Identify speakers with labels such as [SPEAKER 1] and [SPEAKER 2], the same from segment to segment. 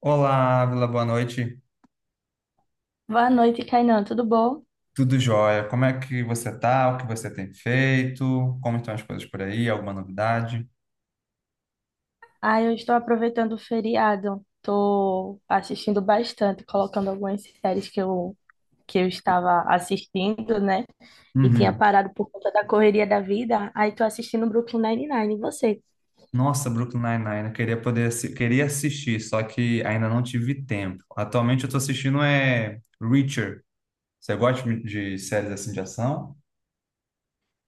[SPEAKER 1] Olá, Ávila, boa noite.
[SPEAKER 2] Boa noite, Kainan. Tudo bom?
[SPEAKER 1] Tudo jóia? Como é que você tá? O que você tem feito? Como estão as coisas por aí? Alguma novidade?
[SPEAKER 2] Ah, eu estou aproveitando o feriado. Estou assistindo bastante, colocando algumas séries que eu estava assistindo, né? E tinha
[SPEAKER 1] Uhum.
[SPEAKER 2] parado por conta da correria da vida. Aí estou assistindo Brooklyn Nine-Nine. E você?
[SPEAKER 1] Nossa, Brooklyn Nine-Nine, eu queria poder queria assistir, só que ainda não tive tempo. Atualmente eu tô assistindo é Reacher. Você gosta de séries assim de ação?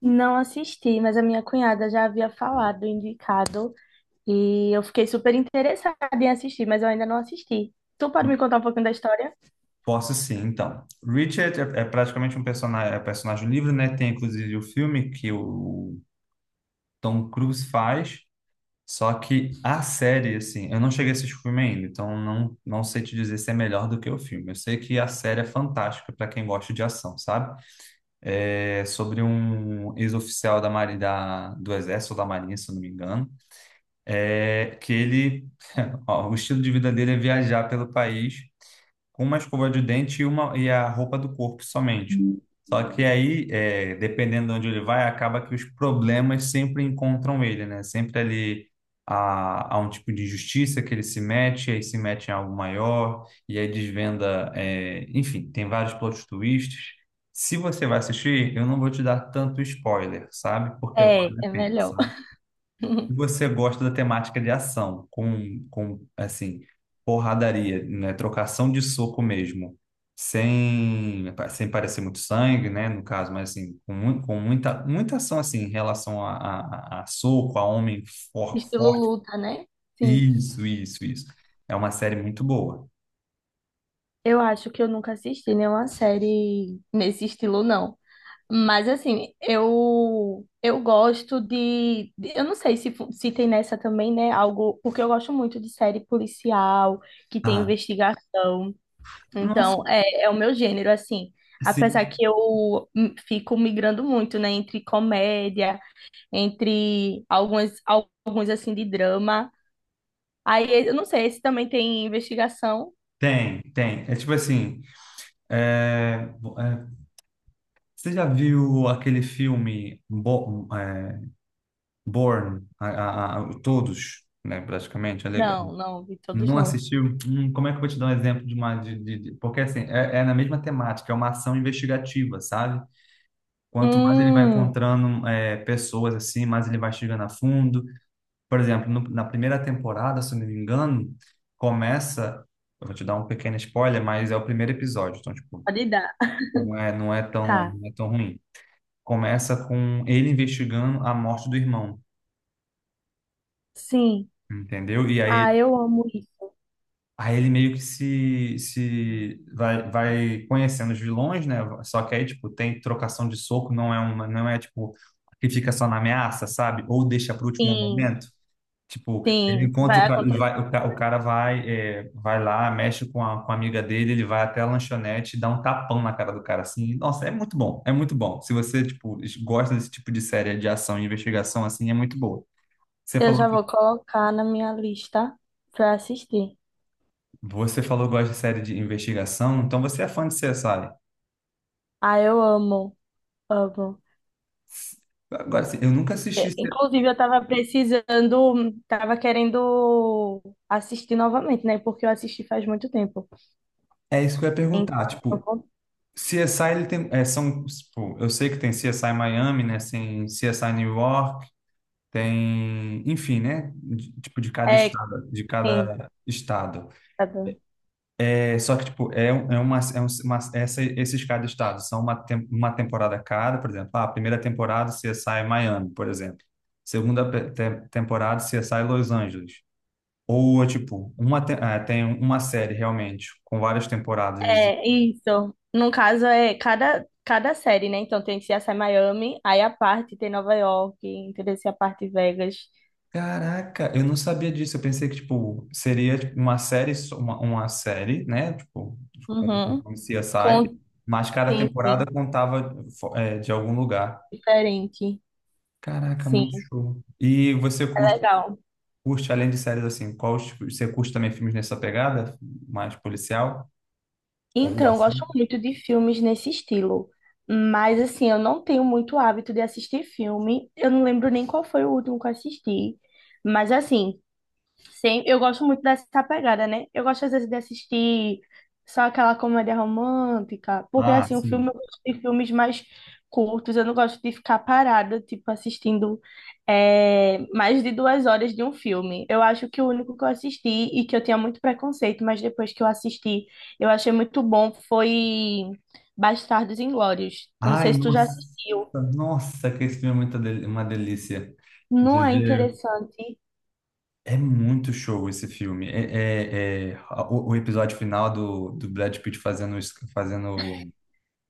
[SPEAKER 2] Não assisti, mas a minha cunhada já havia falado, indicado. E eu fiquei super interessada em assistir, mas eu ainda não assisti. Tu pode me contar um pouquinho da história?
[SPEAKER 1] Posso sim, então. Richard é praticamente um personagem, é personagem livre, né? Tem inclusive o filme que o Tom Cruise faz. Só que a série, assim, eu não cheguei a assistir o filme ainda, então não sei te dizer se é melhor do que o filme. Eu sei que a série é fantástica para quem gosta de ação, sabe? É sobre um ex-oficial da Marinha, do Exército ou da Marinha, se eu não me engano, é, que ele, ó, o estilo de vida dele é viajar pelo país com uma escova de dente e a roupa do corpo somente. Só que aí, dependendo de onde ele vai, acaba que os problemas sempre encontram ele, né? Sempre ali há um tipo de injustiça que ele se mete, aí se mete em algo maior, e aí desvenda. Enfim, tem vários plot twists. Se você vai assistir, eu não vou te dar tanto spoiler, sabe? Porque
[SPEAKER 2] É,
[SPEAKER 1] vale a
[SPEAKER 2] é
[SPEAKER 1] pena,
[SPEAKER 2] melhor.
[SPEAKER 1] sabe? E você gosta da temática de ação, com assim, porradaria, né? Trocação de soco mesmo. Sem parecer muito sangue, né? No caso, mas assim, com muita ação assim, em relação a soco, a homem
[SPEAKER 2] Estilo
[SPEAKER 1] forte.
[SPEAKER 2] luta, né? Sim.
[SPEAKER 1] Isso. É uma série muito boa.
[SPEAKER 2] Eu acho que eu nunca assisti nenhuma série nesse estilo, não. Mas assim, eu gosto de, eu não sei se se tem nessa também, né, algo, porque eu gosto muito de série policial, que tem
[SPEAKER 1] Ah,
[SPEAKER 2] investigação.
[SPEAKER 1] nossa,
[SPEAKER 2] Então, é, é o meu gênero assim. Apesar
[SPEAKER 1] sim,
[SPEAKER 2] que eu fico migrando muito, né, entre comédia, entre algumas alguns assim de drama. Aí eu não sei, esse também tem investigação?
[SPEAKER 1] tem. É tipo assim, é, é, você já viu aquele filme Born, todos, né, praticamente, é legal.
[SPEAKER 2] Não, não, vi todos
[SPEAKER 1] Não
[SPEAKER 2] não.
[SPEAKER 1] assistiu? Como é que eu vou te dar um exemplo de uma... porque, assim, é na mesma temática, é uma ação investigativa, sabe? Quanto mais ele vai
[SPEAKER 2] Hum.
[SPEAKER 1] encontrando pessoas, assim, mais ele vai chegando a fundo. Por exemplo, na primeira temporada, se eu não me engano, começa... Eu vou te dar um pequeno spoiler, mas é o primeiro episódio, então, tipo,
[SPEAKER 2] Pode dar. Tá.
[SPEAKER 1] não é tão ruim. Começa com ele investigando a morte do irmão,
[SPEAKER 2] Sim.
[SPEAKER 1] entendeu?
[SPEAKER 2] Ah, eu amo isso.
[SPEAKER 1] Aí ele meio que se vai, vai conhecendo os vilões, né? Só que aí, tipo, tem trocação de soco, não é tipo que fica só na ameaça, sabe? Ou deixa para o último
[SPEAKER 2] Sim,
[SPEAKER 1] momento. Tipo, ele
[SPEAKER 2] sim,
[SPEAKER 1] encontra o
[SPEAKER 2] vai
[SPEAKER 1] cara, ele
[SPEAKER 2] acontecer.
[SPEAKER 1] vai, o cara vai, vai lá, mexe com a amiga dele, ele vai até a lanchonete, e dá um tapão na cara do cara assim. Nossa, é muito bom. Se você, tipo, gosta desse tipo de série de ação e investigação assim, é muito boa. Você
[SPEAKER 2] Eu
[SPEAKER 1] falou
[SPEAKER 2] já
[SPEAKER 1] que
[SPEAKER 2] vou colocar na minha lista pra assistir.
[SPEAKER 1] Você falou que gosta de série de investigação, então você é fã de CSI.
[SPEAKER 2] Ah, eu amo, amo.
[SPEAKER 1] Agora, assim, eu nunca assisti.
[SPEAKER 2] É,
[SPEAKER 1] C-
[SPEAKER 2] inclusive, eu tava precisando, tava querendo assistir novamente, né? Porque eu assisti faz muito tempo.
[SPEAKER 1] É isso que eu ia perguntar.
[SPEAKER 2] Então, eu
[SPEAKER 1] Tipo,
[SPEAKER 2] vou...
[SPEAKER 1] CSI, ele tem. É, são, tipo, eu sei que tem CSI Miami, né? Tem CSI New York, tem. Enfim, né? de- tipo, de cada
[SPEAKER 2] É,
[SPEAKER 1] estado. De
[SPEAKER 2] sim,
[SPEAKER 1] cada estado.
[SPEAKER 2] tá bom.
[SPEAKER 1] É, só que, tipo, é uma. Uma essa, esses cada estado são uma, uma temporada cada, por exemplo. Ah, a primeira temporada CSI Miami, por exemplo. Segunda temporada CSI Los Angeles. Ou é tipo, uma ah, tem uma série realmente, com várias temporadas.
[SPEAKER 2] É, isso. No caso, é cada, cada série, né? Então, tem CSI Miami, aí a parte tem Nova York, entendeu? Se a parte Vegas.
[SPEAKER 1] Caraca, eu não sabia disso. Eu pensei que, tipo, seria tipo, uma série, só- uma série, né? Tipo,
[SPEAKER 2] Uhum.
[SPEAKER 1] um CSI,
[SPEAKER 2] Com...
[SPEAKER 1] mas cada
[SPEAKER 2] Sim,
[SPEAKER 1] temporada
[SPEAKER 2] sim.
[SPEAKER 1] contava de algum lugar.
[SPEAKER 2] Diferente.
[SPEAKER 1] Caraca, muito
[SPEAKER 2] Sim,
[SPEAKER 1] show. E você
[SPEAKER 2] é
[SPEAKER 1] curte,
[SPEAKER 2] legal.
[SPEAKER 1] curte além de séries assim, qual, você curte também filmes nessa pegada? Mais policial?
[SPEAKER 2] Então,
[SPEAKER 1] Ou
[SPEAKER 2] eu
[SPEAKER 1] ação?
[SPEAKER 2] gosto muito de filmes nesse estilo. Mas, assim, eu não tenho muito hábito de assistir filme. Eu não lembro nem qual foi o último que eu assisti. Mas, assim, sim, eu gosto muito dessa pegada, né? Eu gosto às vezes de assistir só aquela comédia romântica, porque
[SPEAKER 1] Ah,
[SPEAKER 2] assim, o
[SPEAKER 1] sim.
[SPEAKER 2] filme, eu gosto de filmes mais curtos, eu não gosto de ficar parada, tipo, assistindo, é, mais de duas horas de um filme. Eu acho que o único que eu assisti e que eu tinha muito preconceito, mas depois que eu assisti, eu achei muito bom, foi Bastardos Inglórios. Eu não
[SPEAKER 1] Ai,
[SPEAKER 2] sei se tu já assistiu.
[SPEAKER 1] nossa, que esse filme é uma delícia de
[SPEAKER 2] Não é
[SPEAKER 1] ver.
[SPEAKER 2] interessante?
[SPEAKER 1] É muito show esse filme. O episódio final do Brad Pitt fazendo, fazendo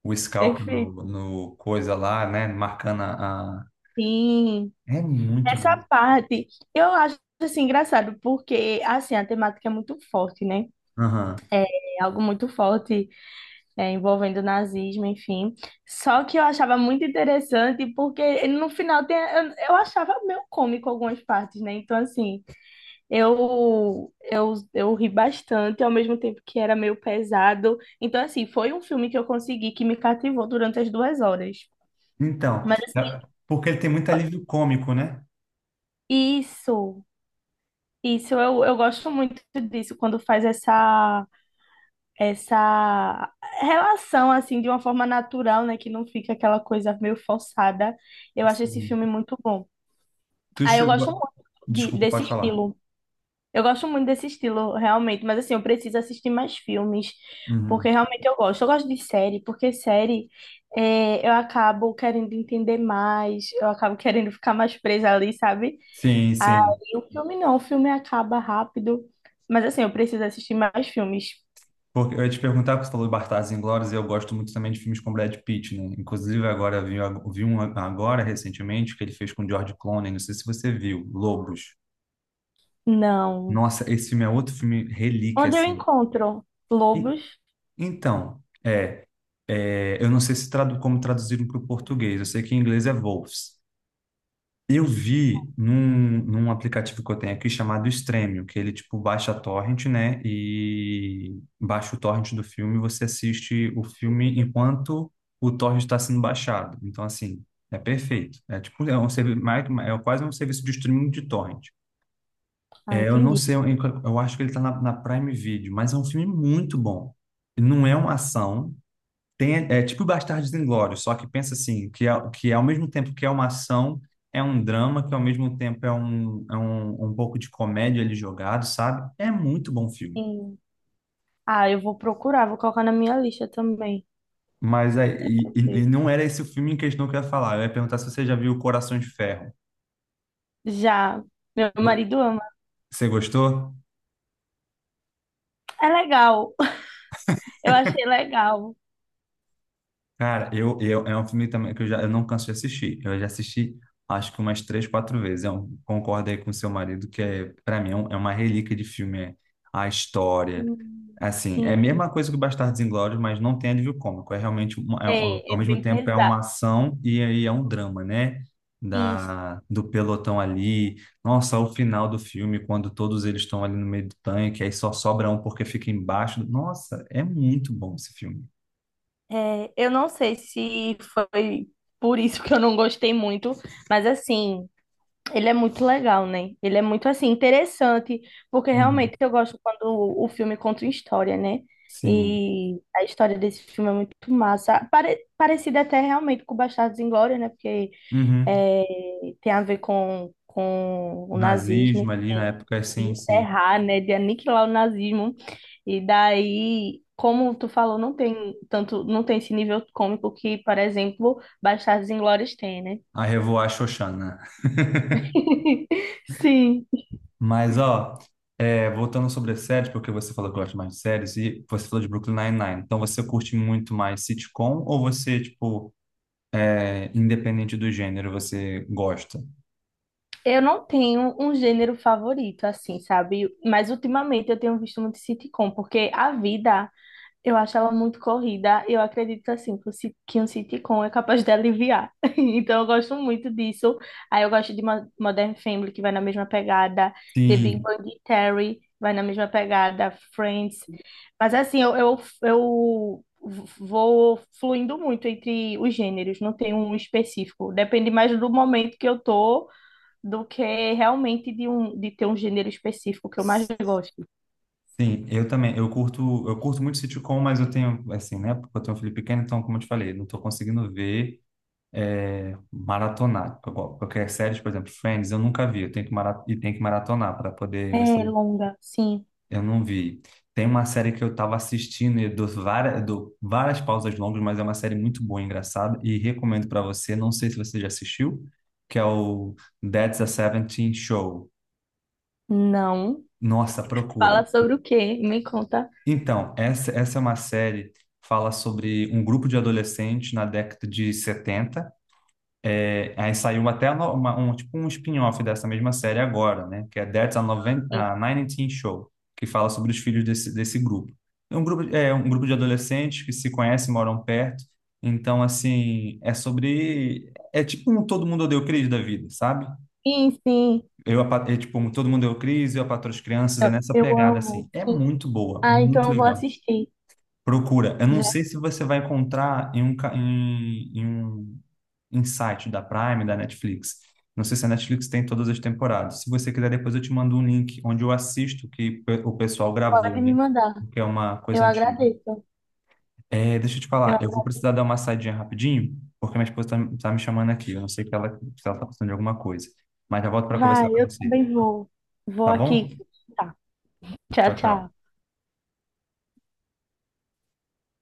[SPEAKER 1] o scalp
[SPEAKER 2] Perfeito.
[SPEAKER 1] no coisa lá, né? Marcando
[SPEAKER 2] Sim.
[SPEAKER 1] É muito
[SPEAKER 2] Essa
[SPEAKER 1] bom.
[SPEAKER 2] parte eu acho assim engraçado, porque assim, a temática é muito forte, né?
[SPEAKER 1] Aham.
[SPEAKER 2] É algo muito forte, é, envolvendo o nazismo, enfim. Só que eu achava muito interessante, porque no final tem, eu achava meio cômico algumas partes, né? Então, assim, eu ri bastante, ao mesmo tempo que era meio pesado. Então, assim, foi um filme que eu consegui que me cativou durante as duas horas.
[SPEAKER 1] Então,
[SPEAKER 2] Mas,
[SPEAKER 1] é-
[SPEAKER 2] assim,
[SPEAKER 1] porque ele tem muito alívio cômico, né?
[SPEAKER 2] isso, isso, eu gosto muito disso, quando faz essa. Essa relação assim de uma forma natural, né, que não fica aquela coisa meio forçada. Eu acho esse
[SPEAKER 1] Sim.
[SPEAKER 2] filme muito bom.
[SPEAKER 1] Tu
[SPEAKER 2] Aí eu
[SPEAKER 1] chegou.
[SPEAKER 2] gosto
[SPEAKER 1] A-
[SPEAKER 2] muito
[SPEAKER 1] Desculpa,
[SPEAKER 2] desse
[SPEAKER 1] pode falar.
[SPEAKER 2] estilo. Eu gosto muito desse estilo, realmente, mas assim, eu preciso assistir mais filmes,
[SPEAKER 1] Uhum.
[SPEAKER 2] porque realmente eu gosto. Eu gosto de série, porque série, é, eu acabo querendo entender mais, eu acabo querendo ficar mais presa ali, sabe? Aí
[SPEAKER 1] Sim.
[SPEAKER 2] o filme não, o filme acaba rápido, mas assim, eu preciso assistir mais filmes.
[SPEAKER 1] Porque eu ia te perguntar, porque você falou de Bastardos Inglórios, e eu gosto muito também de filmes com Brad Pitt, né? Inclusive, vi um agora, recentemente, que ele fez com George Clooney, não sei se você viu, Lobos.
[SPEAKER 2] Não.
[SPEAKER 1] Nossa, esse filme é outro filme relíquia,
[SPEAKER 2] Onde eu
[SPEAKER 1] assim.
[SPEAKER 2] encontro
[SPEAKER 1] E,
[SPEAKER 2] lobos?
[SPEAKER 1] então, é, eu não sei se tradu como traduziram para o português, eu sei que em inglês é Wolves. Eu vi num aplicativo que eu tenho aqui chamado Stremio, que ele tipo baixa a torrent, né? E baixa o torrent do filme, você assiste o filme enquanto o torrent está sendo baixado. Então assim, é perfeito. É um serviço, é quase um serviço de streaming de torrent.
[SPEAKER 2] Ah,
[SPEAKER 1] Eu não
[SPEAKER 2] entendi.
[SPEAKER 1] sei, eu acho que ele está na Prime Video, mas é um filme muito bom. Não é uma ação, tem, é tipo Bastardos Inglórios, só que pensa assim, que é ao mesmo tempo que é uma ação, é um drama, que ao mesmo tempo um pouco de comédia ali jogado, sabe? É muito bom filme.
[SPEAKER 2] Sim. Ah, eu vou procurar, vou colocar na minha lista também.
[SPEAKER 1] Mas é,
[SPEAKER 2] Deixa eu
[SPEAKER 1] e
[SPEAKER 2] ver.
[SPEAKER 1] não era esse o filme em questão que eu ia falar. Eu ia perguntar se você já viu Coração de Ferro.
[SPEAKER 2] Já, meu marido ama.
[SPEAKER 1] Você gostou?
[SPEAKER 2] É legal. Eu achei legal.
[SPEAKER 1] Cara, é um filme também que eu não canso de assistir. Eu já assisti, acho que umas três, quatro vezes. Eu concordo aí com o seu marido, para mim é uma relíquia de filme. É a história.
[SPEAKER 2] Hum,
[SPEAKER 1] Assim, é a
[SPEAKER 2] Sim.
[SPEAKER 1] mesma coisa que o Bastardos Inglórios, mas não tem alívio cômico. É realmente,
[SPEAKER 2] É,
[SPEAKER 1] ao
[SPEAKER 2] é
[SPEAKER 1] mesmo
[SPEAKER 2] bem
[SPEAKER 1] tempo, é
[SPEAKER 2] pesado.
[SPEAKER 1] uma ação e aí é um drama, né?
[SPEAKER 2] Isso.
[SPEAKER 1] Do pelotão ali. Nossa, o final do filme, quando todos eles estão ali no meio do tanque, aí só sobra um porque fica embaixo. Do- Nossa, é muito bom esse filme.
[SPEAKER 2] É, eu não sei se foi por isso que eu não gostei muito, mas assim. Ele é muito legal, né? Ele é muito assim interessante, porque
[SPEAKER 1] Uhum.
[SPEAKER 2] realmente eu gosto quando o filme conta uma história, né?
[SPEAKER 1] Sim.
[SPEAKER 2] E a história desse filme é muito massa, pare parecida até realmente com Bastardos Inglórios, né? Porque
[SPEAKER 1] Uhum.
[SPEAKER 2] é, tem a ver com o nazismo,
[SPEAKER 1] Nazismo ali na época,
[SPEAKER 2] enfim, de
[SPEAKER 1] sim.
[SPEAKER 2] encerrar, né? De aniquilar o nazismo. E daí, como tu falou, não tem tanto, não tem esse nível cômico que, por exemplo, Bastardos Inglórios tem, né?
[SPEAKER 1] A Revoar Xoxana.
[SPEAKER 2] Sim.
[SPEAKER 1] Mas, ó, voltando sobre as séries, porque você falou que gosta mais de séries e você falou de Brooklyn Nine-Nine. Então, você curte muito mais sitcom ou você, tipo, independente do gênero, você gosta?
[SPEAKER 2] Eu não tenho um gênero favorito, assim, sabe? Mas ultimamente eu tenho visto muito sitcom, porque a vida, eu acho ela muito corrida. Eu acredito, assim, que um sitcom é capaz de aliviar. Então eu gosto muito disso. Aí eu gosto de Modern Family, que vai na mesma pegada. The Big
[SPEAKER 1] Sim,
[SPEAKER 2] Bang Theory, vai na mesma pegada. Friends. Mas, assim, eu vou fluindo muito entre os gêneros, não tenho um específico. Depende mais do momento que eu tô do que realmente de ter um gênero específico que eu mais gosto.
[SPEAKER 1] sim, eu também. Eu curto muito sitcom, mas eu tenho, assim, né? Porque eu tenho um filho pequeno, então, como eu te falei, não tô conseguindo ver. Maratonar. Qualquer série, por exemplo, Friends, eu nunca vi, eu tenho e tem que maratonar para poder
[SPEAKER 2] É
[SPEAKER 1] você.
[SPEAKER 2] longa, sim.
[SPEAKER 1] Eu não vi. Tem uma série que eu estava assistindo e dou dou várias pausas longas, mas é uma série muito boa, engraçada, e recomendo para você. Não sei se você já assistiu, que é o That's a Seventeen Show.
[SPEAKER 2] Não.
[SPEAKER 1] Nossa,
[SPEAKER 2] Fala
[SPEAKER 1] procura.
[SPEAKER 2] sobre o quê? Me conta.
[SPEAKER 1] Então, essa é uma série que fala sobre um grupo de adolescentes na década de setenta. É, aí saiu até tipo um spin-off dessa mesma série agora, né? Que é That's a, Noven
[SPEAKER 2] Sim,
[SPEAKER 1] a 19 Show, que fala sobre os filhos desse grupo. É um grupo, é um grupo de adolescentes que se conhecem, moram perto. Então, assim, é sobre... É tipo um Todo Mundo Odeia o Chris da vida, sabe?
[SPEAKER 2] sim. sim.
[SPEAKER 1] É tipo um Todo Mundo Odeia o Chris, Eu, a Patroa e as Crianças, é
[SPEAKER 2] Eu,
[SPEAKER 1] nessa
[SPEAKER 2] eu
[SPEAKER 1] pegada, assim.
[SPEAKER 2] amo.
[SPEAKER 1] É
[SPEAKER 2] Sim.
[SPEAKER 1] muito boa,
[SPEAKER 2] Ah, então
[SPEAKER 1] muito
[SPEAKER 2] eu vou
[SPEAKER 1] legal.
[SPEAKER 2] assistir.
[SPEAKER 1] Procura. Eu não
[SPEAKER 2] Já
[SPEAKER 1] sei se você vai encontrar em um, em um Insight da Prime, da Netflix. Não sei se a Netflix tem todas as temporadas. Se você quiser, depois eu te mando um link onde eu assisto que o pessoal gravou,
[SPEAKER 2] pode me
[SPEAKER 1] né?
[SPEAKER 2] mandar.
[SPEAKER 1] Porque é uma
[SPEAKER 2] Eu
[SPEAKER 1] coisa antiga.
[SPEAKER 2] agradeço.
[SPEAKER 1] É, deixa eu te
[SPEAKER 2] Eu...
[SPEAKER 1] falar, eu vou
[SPEAKER 2] agra-
[SPEAKER 1] precisar dar uma saidinha rapidinho, porque minha esposa tá me chamando aqui. Eu não sei que ela, se ela tá precisando de alguma coisa. Mas já volto para conversar
[SPEAKER 2] Vai,
[SPEAKER 1] com
[SPEAKER 2] eu
[SPEAKER 1] você,
[SPEAKER 2] também vou. Vou
[SPEAKER 1] tá bom?
[SPEAKER 2] aqui. Tá. Tchau,
[SPEAKER 1] Tchau, tchau.
[SPEAKER 2] tchau.